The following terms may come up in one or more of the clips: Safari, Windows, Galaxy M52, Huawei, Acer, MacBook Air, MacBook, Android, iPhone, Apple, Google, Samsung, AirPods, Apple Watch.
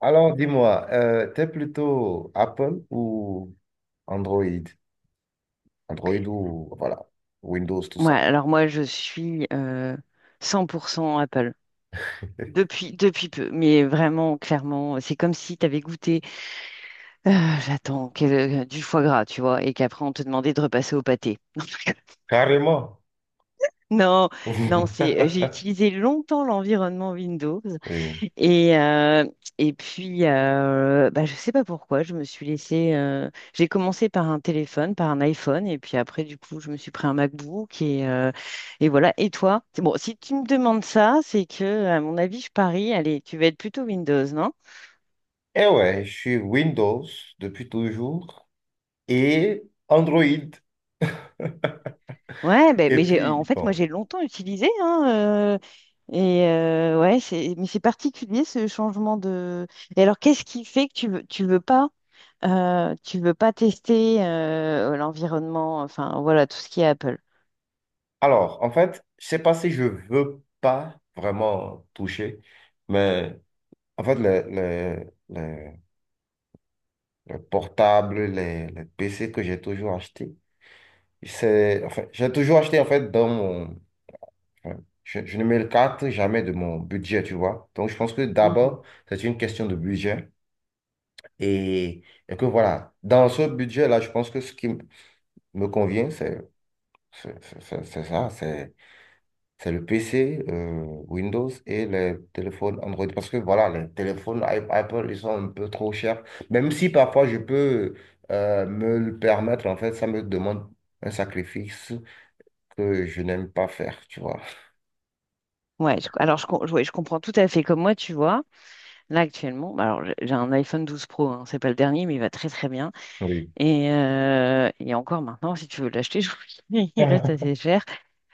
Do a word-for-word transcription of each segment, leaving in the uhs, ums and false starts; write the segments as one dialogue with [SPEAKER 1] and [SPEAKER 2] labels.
[SPEAKER 1] Alors, dis-moi, euh, t'es plutôt Apple ou Android? Android ou, voilà, Windows, tout
[SPEAKER 2] Ouais,
[SPEAKER 1] ça.
[SPEAKER 2] alors moi, je suis euh, cent pour cent Apple. Depuis, depuis peu, mais vraiment, clairement, c'est comme si tu avais goûté, euh, j'attends, quel- du foie gras, tu vois, et qu'après, on te demandait de repasser au pâté.
[SPEAKER 1] Carrément.
[SPEAKER 2] Non, non, c'est, j'ai utilisé longtemps l'environnement Windows.
[SPEAKER 1] Oui.
[SPEAKER 2] Et, euh, et puis, euh, bah, je sais pas pourquoi, je me suis laissée. Euh, j'ai commencé par un téléphone, par un iPhone, et puis après, du coup, je me suis pris un MacBook, et, euh, et voilà. Et toi? C'est bon, si tu me demandes ça, c'est que, à mon avis, je parie, allez, tu vas être plutôt Windows.
[SPEAKER 1] Eh ouais, je suis Windows depuis toujours et Android.
[SPEAKER 2] Ouais, ben,
[SPEAKER 1] Et
[SPEAKER 2] mais j'ai, euh,
[SPEAKER 1] puis,
[SPEAKER 2] en fait, moi,
[SPEAKER 1] bon.
[SPEAKER 2] j'ai longtemps utilisé, hein, euh, et euh, ouais, c'est, mais c'est particulier ce changement de. Et alors, qu'est-ce qui fait que tu veux, tu veux pas, euh, tu veux pas tester euh, l'environnement, enfin voilà, tout ce qui est Apple.
[SPEAKER 1] Alors, en fait, je sais pas si je veux pas vraiment toucher, mais en fait, le, le, le, le portable, les, les P C que j'ai toujours acheté. C'est, enfin, j'ai toujours acheté en fait dans mon. Enfin, je, je ne me carte jamais de mon budget, tu vois. Donc, je pense que
[SPEAKER 2] Mhm.
[SPEAKER 1] d'abord, c'est une question de budget. Et, et que voilà, dans ce budget-là, je pense que ce qui m- me convient, c'est c'est- c'est- c'est- c'est ça, c'est c'est le P C, euh, Windows et les téléphones Android. Parce que voilà, les téléphones I- Apple, ils sont un peu trop chers. Même si parfois je peux euh, me le permettre, en fait, ça me demande un sacrifice que je n'aime pas faire, tu vois.
[SPEAKER 2] Ouais, je- alors je, com- ouais, je comprends tout à fait. Comme moi, tu vois, là actuellement, bah, alors j'ai j'ai un iPhone douze Pro, hein, c'est pas le dernier, mais il va très très bien.
[SPEAKER 1] Oui.
[SPEAKER 2] Et, euh, et encore maintenant, si tu veux l'acheter, je- il reste assez cher.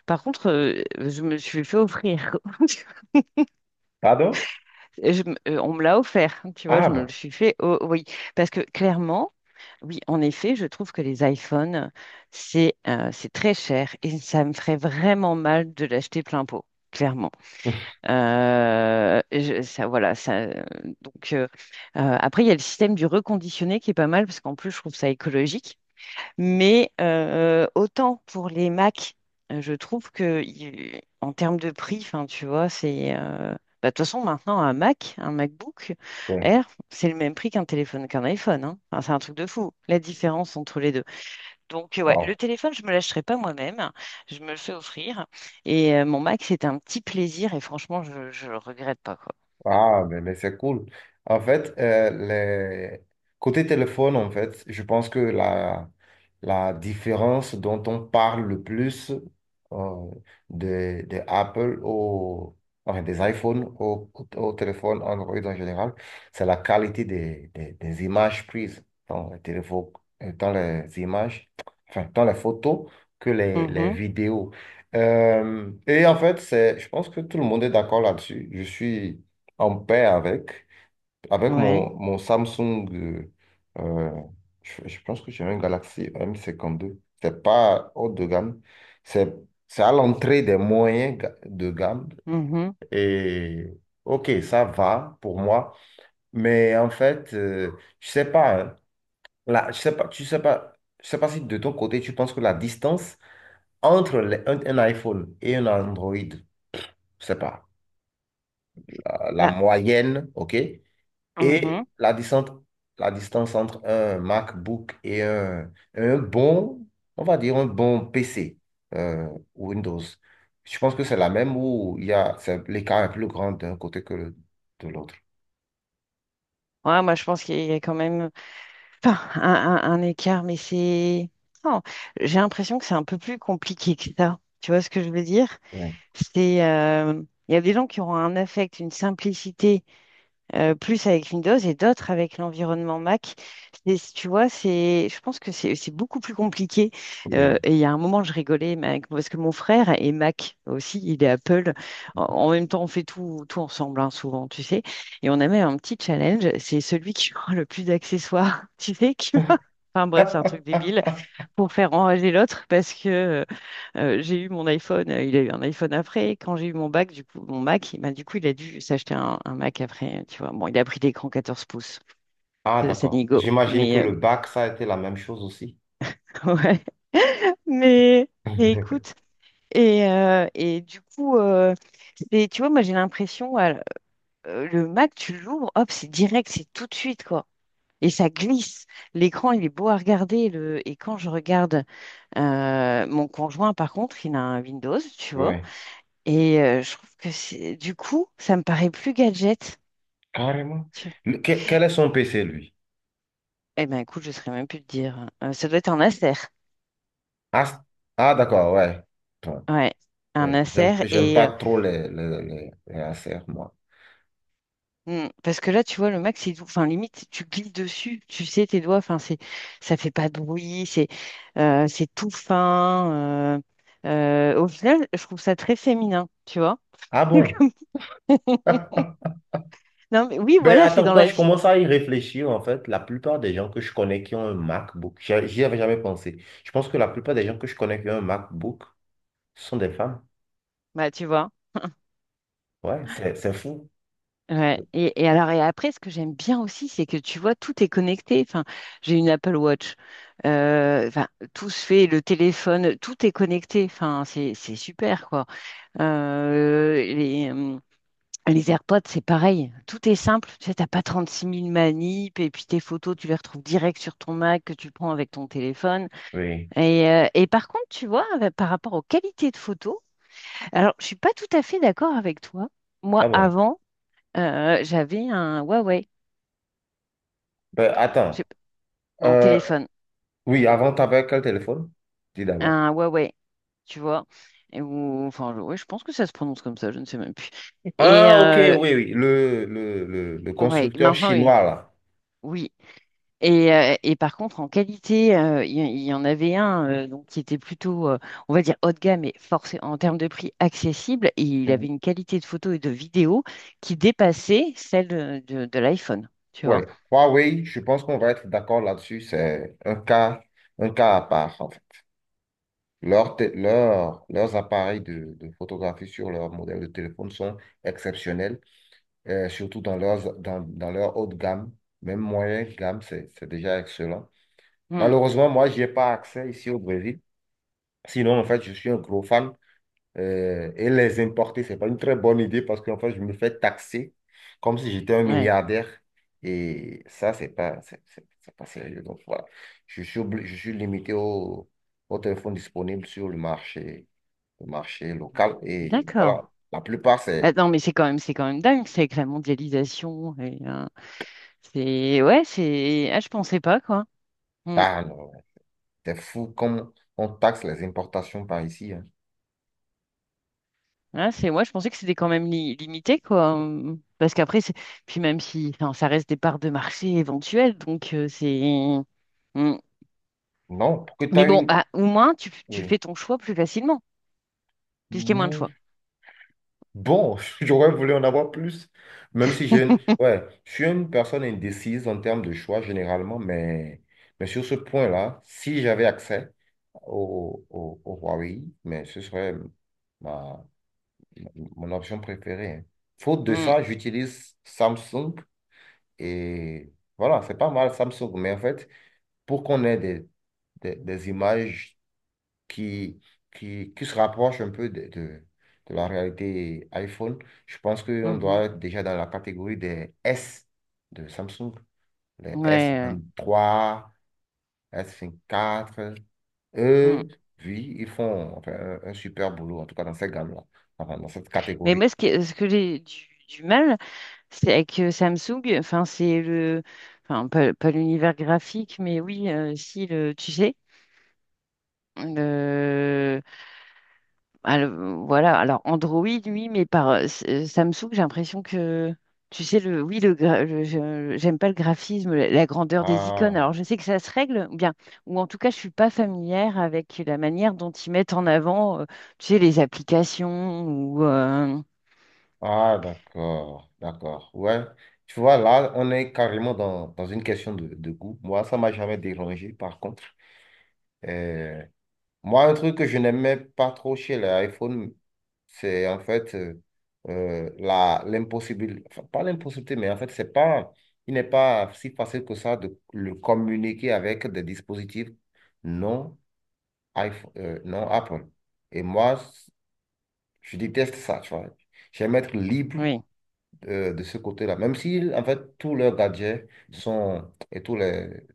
[SPEAKER 2] Par contre, euh, je me le suis fait offrir. Tu vois.
[SPEAKER 1] Pardon?
[SPEAKER 2] Et je me- euh, on me l'a offert, tu vois,
[SPEAKER 1] Ah
[SPEAKER 2] je me le
[SPEAKER 1] bon?
[SPEAKER 2] suis fait. Oh, oui, parce que clairement, oui, en effet, je trouve que les iPhones, c'est euh, c'est très cher et ça me ferait vraiment mal de l'acheter plein pot, clairement. Euh, je- ça, voilà, ça. euh, Donc euh, euh, après, il y a le système du reconditionné qui est pas mal parce qu'en plus, je trouve ça écologique. Mais euh, autant pour les Mac, euh, je trouve que y- en termes de prix, enfin, tu vois, c'est euh, bah, de toute façon maintenant un Mac, un MacBook
[SPEAKER 1] Ouais.
[SPEAKER 2] Air, c'est le même prix qu'un téléphone qu'un iPhone, hein. Enfin, c'est un truc de fou, la différence entre les deux. Donc euh, ouais, le
[SPEAKER 1] Wow.
[SPEAKER 2] téléphone, je me l'achèterai pas moi-même, je me le fais offrir. Et euh, mon Mac, c'est un petit plaisir et franchement, je, je le regrette pas quoi.
[SPEAKER 1] Ah, mais, mais c'est cool. En fait, euh, les... côté téléphone, en fait, je pense que la, la différence dont on parle le plus, euh, des des Apple au... enfin, des iPhones au, au téléphone Android en général, c'est la qualité des, des, des images prises dans les téléphones, euh, dans les images, enfin, dans les photos que les, les
[SPEAKER 2] Mhm.
[SPEAKER 1] vidéos. Euh, et en fait, c'est, je pense que tout le monde est d'accord là-dessus. Je suis en paix avec. Avec
[SPEAKER 2] Ouais.
[SPEAKER 1] mon, mon Samsung, euh, euh, je, je pense que j'ai un Galaxy M cinquante-deux. C'est pas haut de gamme. C'est, c'est à l'entrée des moyens ga- de gamme.
[SPEAKER 2] Mhm.
[SPEAKER 1] Et OK, ça va pour moi. Mais en fait, euh, je sais pas, hein. Là, je sais pas, tu sais pas, je sais pas si de ton côté, tu penses que la distance entre les- un, un iPhone et un Android, je sais pas, euh, la
[SPEAKER 2] Bah,
[SPEAKER 1] moyenne, OK?
[SPEAKER 2] mhm.
[SPEAKER 1] Et la distance, la distance entre un MacBook et un, un bon, on va dire un bon P C, euh, Windows. Je pense que c'est la même où il y a, c'est- l'écart est plus grand d'un côté que de l'autre.
[SPEAKER 2] Ouais, moi je pense qu'il y a quand même. Enfin, un, un- un écart, mais c'est... Non, j'ai l'impression que c'est un peu plus compliqué que ça. Tu vois ce que je veux dire?
[SPEAKER 1] Ouais.
[SPEAKER 2] C'est, euh, il y a des gens qui auront un affect, une simplicité euh, plus avec Windows et d'autres avec l'environnement Mac. C'est- Tu vois, c'est, je pense que c'est c'est beaucoup plus compliqué. Euh,
[SPEAKER 1] Oui.
[SPEAKER 2] et il y a un moment, je rigolais mais avec- parce que mon frère est Mac aussi, il est Apple. En, en même temps, on fait tout, tout ensemble, hein, souvent, tu sais. Et on a même un petit challenge, c'est celui qui aura le plus d'accessoires, tu sais, qui va- enfin bref, c'est un truc débile pour faire enrager l'autre parce que euh, euh, j'ai eu mon iPhone, euh, il a eu un iPhone après. Quand j'ai eu mon bac, du coup, mon Mac, il- bah, du coup, il a dû s'acheter un, un Mac après, tu vois. Bon, il a pris l'écran quatorze pouces.
[SPEAKER 1] Ah,
[SPEAKER 2] ça ça
[SPEAKER 1] d'accord. J'imagine que
[SPEAKER 2] Mais, euh,
[SPEAKER 1] le bac, ça a été la même chose aussi.
[SPEAKER 2] ouais. Mais, mais écoute, et, euh, et du coup, euh, c'est- tu vois, moi, j'ai l'impression, euh, le Mac, tu l'ouvres, hop, c'est direct, c'est tout de suite, quoi. Et ça glisse. L'écran, il est beau à regarder. Le... Et quand je regarde euh, mon conjoint, par contre, il a un Windows, tu vois.
[SPEAKER 1] Ouais,
[SPEAKER 2] Et euh, je trouve que c'est du coup, ça me paraît plus gadget.
[SPEAKER 1] carrément.
[SPEAKER 2] Tu-
[SPEAKER 1] Le- quel, quel est son P C, lui?
[SPEAKER 2] Eh ben écoute, je saurais même plus te dire, hein. Euh, ça doit être un Acer.
[SPEAKER 1] Ah, c- ah, d'accord, ouais. Bon,
[SPEAKER 2] Ouais, un
[SPEAKER 1] ouais, J'aime
[SPEAKER 2] Acer
[SPEAKER 1] j'aime
[SPEAKER 2] et
[SPEAKER 1] pas
[SPEAKER 2] euh,
[SPEAKER 1] trop les, les, les, les Acer, moi.
[SPEAKER 2] hmm, parce que là, tu vois, le Mac, c'est tout. Enfin, limite, tu glisses dessus, tu sais tes doigts. Enfin, c'est, ça fait pas de bruit. C'est, euh, c'est tout fin. Euh, euh, au final, je trouve ça très féminin, tu vois.
[SPEAKER 1] Ah bon?
[SPEAKER 2] Comme- Non, mais oui,
[SPEAKER 1] Ben,
[SPEAKER 2] voilà, c'est
[SPEAKER 1] attends,
[SPEAKER 2] dans
[SPEAKER 1] quand
[SPEAKER 2] la
[SPEAKER 1] je
[SPEAKER 2] fille.
[SPEAKER 1] commence à y réfléchir, en fait, la plupart des gens que je connais qui ont un MacBook, j'y j'y avais jamais pensé. Je pense que la plupart des gens que je connais qui ont un MacBook sont des femmes.
[SPEAKER 2] Bah, tu vois.
[SPEAKER 1] Ouais, c'est, c'est fou.
[SPEAKER 2] Ouais. Et, et alors et après, ce que j'aime bien aussi, c'est que tu vois, tout est connecté. Enfin, j'ai une Apple Watch. Euh, enfin, tout se fait, le téléphone, tout est connecté. Enfin, c'est c'est super quoi. Euh, les, euh, les AirPods, c'est pareil. Tout est simple. Tu sais, t'as pas six mille manips et puis tes photos, tu les retrouves direct sur ton Mac que tu prends avec ton téléphone.
[SPEAKER 1] Oui.
[SPEAKER 2] Et, euh, et par contre, tu vois, avec- par rapport aux qualités de photos, alors je suis pas tout à fait d'accord avec toi. Moi,
[SPEAKER 1] Ah bon.
[SPEAKER 2] avant. Euh, j'avais un Huawei.
[SPEAKER 1] Ben,
[SPEAKER 2] J'ai
[SPEAKER 1] attends.
[SPEAKER 2] un
[SPEAKER 1] Euh,
[SPEAKER 2] téléphone,
[SPEAKER 1] oui, avant, t'avais quel téléphone? Dis d'abord.
[SPEAKER 2] un Huawei, tu vois. Et ou, enfin, je- ouais, je pense que ça se prononce comme ça, je ne sais même plus. Et
[SPEAKER 1] Ah, ok, oui,
[SPEAKER 2] euh,
[SPEAKER 1] oui. Le, le, le, le
[SPEAKER 2] ouais,
[SPEAKER 1] constructeur
[SPEAKER 2] maintenant, oui.
[SPEAKER 1] chinois, là.
[SPEAKER 2] Oui. Et, euh, et par contre, en qualité, euh, il y, il y en avait un euh, donc, qui était plutôt, euh, on va dire, haut de gamme, mais forcé, en termes de prix accessible. Et il
[SPEAKER 1] Mhm.
[SPEAKER 2] avait une qualité de photo et de vidéo qui dépassait celle de, de- de l'iPhone, tu vois.
[SPEAKER 1] Ouais. Huawei, je pense qu'on va être d'accord là-dessus. C'est un cas, un cas à part. Leurs, té- leurs- leurs appareils de, de photographie sur leur modèle de téléphone sont exceptionnels, euh, surtout dans, leurs, dans, dans leur haute gamme, même moyenne gamme, c'est, c'est déjà excellent.
[SPEAKER 2] Hmm,
[SPEAKER 1] Malheureusement, moi, je n'y pas accès ici au Brésil. Sinon, en fait, je suis un gros fan, euh, et les importer, c'est pas une très bonne idée parce qu'en fait, je me fais taxer comme si j'étais un
[SPEAKER 2] ouais,
[SPEAKER 1] milliardaire. Et ça, c'est pas, c'est c'est- c'est pas sérieux. Donc voilà, je suis, obli- je suis limité au, au téléphone disponible sur le marché, le marché local. Et voilà,
[SPEAKER 2] d'accord.
[SPEAKER 1] la plupart,
[SPEAKER 2] Ah,
[SPEAKER 1] c'est
[SPEAKER 2] non, mais c'est quand même, c'est quand même dingue, c'est avec la mondialisation. Et, euh, C'est, ouais, c'est ah, je pensais pas quoi. Mm.
[SPEAKER 1] ah, non, t'es fou comme on taxe les importations par ici, hein.
[SPEAKER 2] Ah, c'est ouais, je pensais que c'était quand même li- limité quoi. Mm. Parce qu'après c'est puis même si enfin, ça reste des parts de marché éventuelles donc euh, c'est. Mm.
[SPEAKER 1] Non, pour que tu as
[SPEAKER 2] Mais bon,
[SPEAKER 1] une.
[SPEAKER 2] ah, au moins tu, tu fais
[SPEAKER 1] Oui.
[SPEAKER 2] ton choix plus facilement puisqu'il y a moins de choix.
[SPEAKER 1] Bon, j'aurais voulu en avoir plus, même si j'ai, ouais, je suis une personne indécise en termes de choix généralement, mais, mais sur ce point-là, si j'avais accès au, au, au Huawei, mais ce serait ma, mon option préférée, hein. Faute de
[SPEAKER 2] Mm.
[SPEAKER 1] ça, j'utilise Samsung et voilà, c'est pas mal Samsung, mais en fait, pour qu'on ait des, des, des images qui, qui, qui se rapproche un peu de, de, de la réalité iPhone. Je pense qu'on doit
[SPEAKER 2] Mhm.
[SPEAKER 1] être déjà dans la catégorie des S de Samsung, les s
[SPEAKER 2] Ouais,
[SPEAKER 1] vingt trois s vingt quatre.
[SPEAKER 2] ouais. Mm.
[SPEAKER 1] Eux, oui, ils font enfin, un, un super boulot, en tout cas dans cette gamme-là, enfin, dans cette
[SPEAKER 2] Mais
[SPEAKER 1] catégorie.
[SPEAKER 2] moi ce que ce que j'ai du, du mal c'est avec euh, Samsung, enfin c'est le enfin pas, pas l'univers graphique mais oui, euh, si le tu sais. Alors, voilà, alors Android, oui, mais par euh, s- euh, Samsung, j'ai l'impression que, tu sais, le, oui, le, gra- le- je- j'aime pas le graphisme, la, la grandeur des icônes.
[SPEAKER 1] Ah,
[SPEAKER 2] Alors, je sais que ça se règle, ou bien, ou en tout cas, je suis pas familière avec la manière dont ils mettent en avant, euh, tu sais, les applications ou, euh,
[SPEAKER 1] ah d'accord, d'accord. Ouais. Tu vois, là, on est carrément dans, dans une question de, de goût. Moi, ça m'a jamais dérangé, par contre. Euh, Moi, un truc que je n'aimais pas trop chez les iPhones, c'est en fait euh, euh, la, l'impossibilité, enfin, pas l'impossibilité, mais en fait, c'est pas, il n'est pas si facile que ça de le communiquer avec des dispositifs non, iPhone, euh, non Apple. Et moi, je déteste ça, tu vois. J'aime être libre
[SPEAKER 2] oui,
[SPEAKER 1] euh, de ce côté-là, même si, en fait, tous leurs gadgets sont, et tous les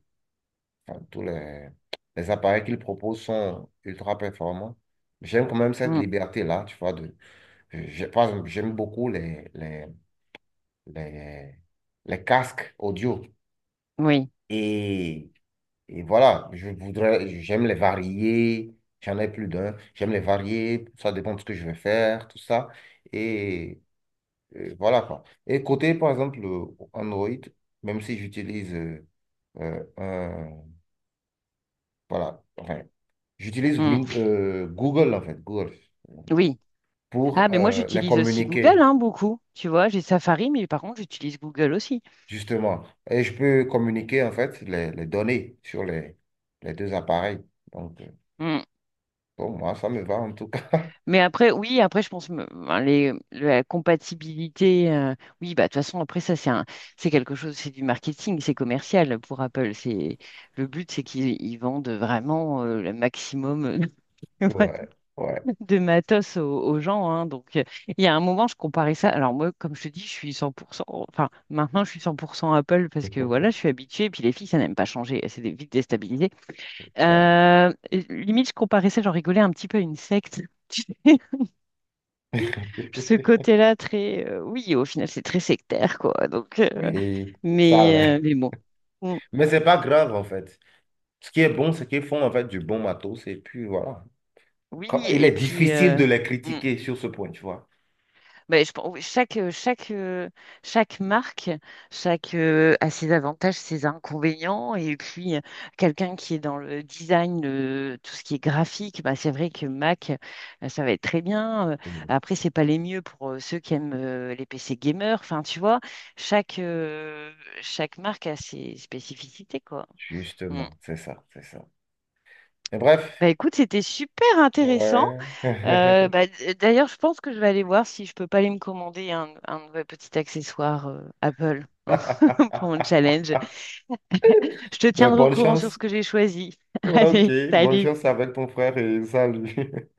[SPEAKER 1] Enfin, tous les, les appareils qu'ils proposent sont ultra performants. J'aime quand même cette
[SPEAKER 2] mm,
[SPEAKER 1] liberté-là, tu vois. De, j'ai- par exemple, j'aime beaucoup les, les, les, les casques audio.
[SPEAKER 2] oui,
[SPEAKER 1] Et, et voilà, je voudrais, j'aime les varier. J'en ai plus d'un. J'aime les varier. Ça dépend de ce que je vais faire, tout ça. Et, euh, voilà quoi. Et côté, par exemple, Android, même si j'utilise euh, euh, un, voilà, enfin, J'utilise
[SPEAKER 2] mm,
[SPEAKER 1] Win- euh, Google, en fait, Google,
[SPEAKER 2] oui.
[SPEAKER 1] pour
[SPEAKER 2] Ah, mais moi,
[SPEAKER 1] euh, les
[SPEAKER 2] j'utilise aussi Google,
[SPEAKER 1] communiquer,
[SPEAKER 2] hein, beaucoup. Tu vois, j'ai Safari, mais par contre, j'utilise Google aussi.
[SPEAKER 1] justement. Et je peux communiquer, en fait, les, les données sur les, les deux appareils. Donc, euh,
[SPEAKER 2] Hmm.
[SPEAKER 1] pour moi, ça me va, en tout cas.
[SPEAKER 2] Mais après, oui, après, je pense me- ben, les, la compatibilité. Euh, oui, bah, de toute façon, après, ça, c'est un, c'est quelque chose, c'est du marketing, c'est commercial pour Apple. C'est, le but, c'est qu'ils ils vendent vraiment euh, le maximum de
[SPEAKER 1] Ouais, ouais,
[SPEAKER 2] de matos aux, aux gens, hein. Donc euh, il y a un moment, je comparais ça. Alors, moi, comme je te dis, je suis cent pour cent, enfin, maintenant, je suis cent pour cent Apple parce que voilà, je suis habituée. Et puis, les filles, ça n'aime pas changer. C'est des- vite déstabilisé.
[SPEAKER 1] ouais.
[SPEAKER 2] Euh, Limite, je comparais ça, j'en rigolais un petit peu à une secte. Ce côté-là très euh, oui, au final c'est très sectaire quoi, donc euh,
[SPEAKER 1] Oui, ça
[SPEAKER 2] mais euh,
[SPEAKER 1] l'est.
[SPEAKER 2] mais bon. Mm.
[SPEAKER 1] Mais c'est pas grave, en fait. Ce qui est bon, c'est qu'ils font, en fait, du bon matos. Et puis, voilà.
[SPEAKER 2] Oui
[SPEAKER 1] quand- il est
[SPEAKER 2] et puis
[SPEAKER 1] difficile
[SPEAKER 2] euh,
[SPEAKER 1] de les
[SPEAKER 2] mm.
[SPEAKER 1] critiquer sur ce point, tu vois.
[SPEAKER 2] Ben, je pense- oui, chaque euh, chaque euh, chaque marque chaque euh, a ses avantages ses inconvénients et puis euh, quelqu'un qui est dans le design le- tout ce qui est graphique ben c'est vrai que Mac euh, ça va être très bien. Euh,
[SPEAKER 1] Oui.
[SPEAKER 2] après c'est pas les mieux pour euh, ceux qui aiment euh, les P C gamers enfin tu vois chaque euh, chaque marque a ses spécificités quoi. Mm.
[SPEAKER 1] Justement, c'est ça, c'est ça. Mais bref,
[SPEAKER 2] Bah écoute, c'était super intéressant.
[SPEAKER 1] ouais.
[SPEAKER 2] Euh, bah, d- euh, d'ailleurs, je pense que je vais aller voir si je peux pas aller me commander un, un nouvel petit accessoire euh, Apple hein, pour mon challenge. Je te
[SPEAKER 1] Ben,
[SPEAKER 2] tiendrai au
[SPEAKER 1] bonne
[SPEAKER 2] courant sur ce
[SPEAKER 1] chance.
[SPEAKER 2] que j'ai choisi.
[SPEAKER 1] Ouais, Ok,
[SPEAKER 2] Allez,
[SPEAKER 1] bonne
[SPEAKER 2] salut.
[SPEAKER 1] chance avec ton frère et salut.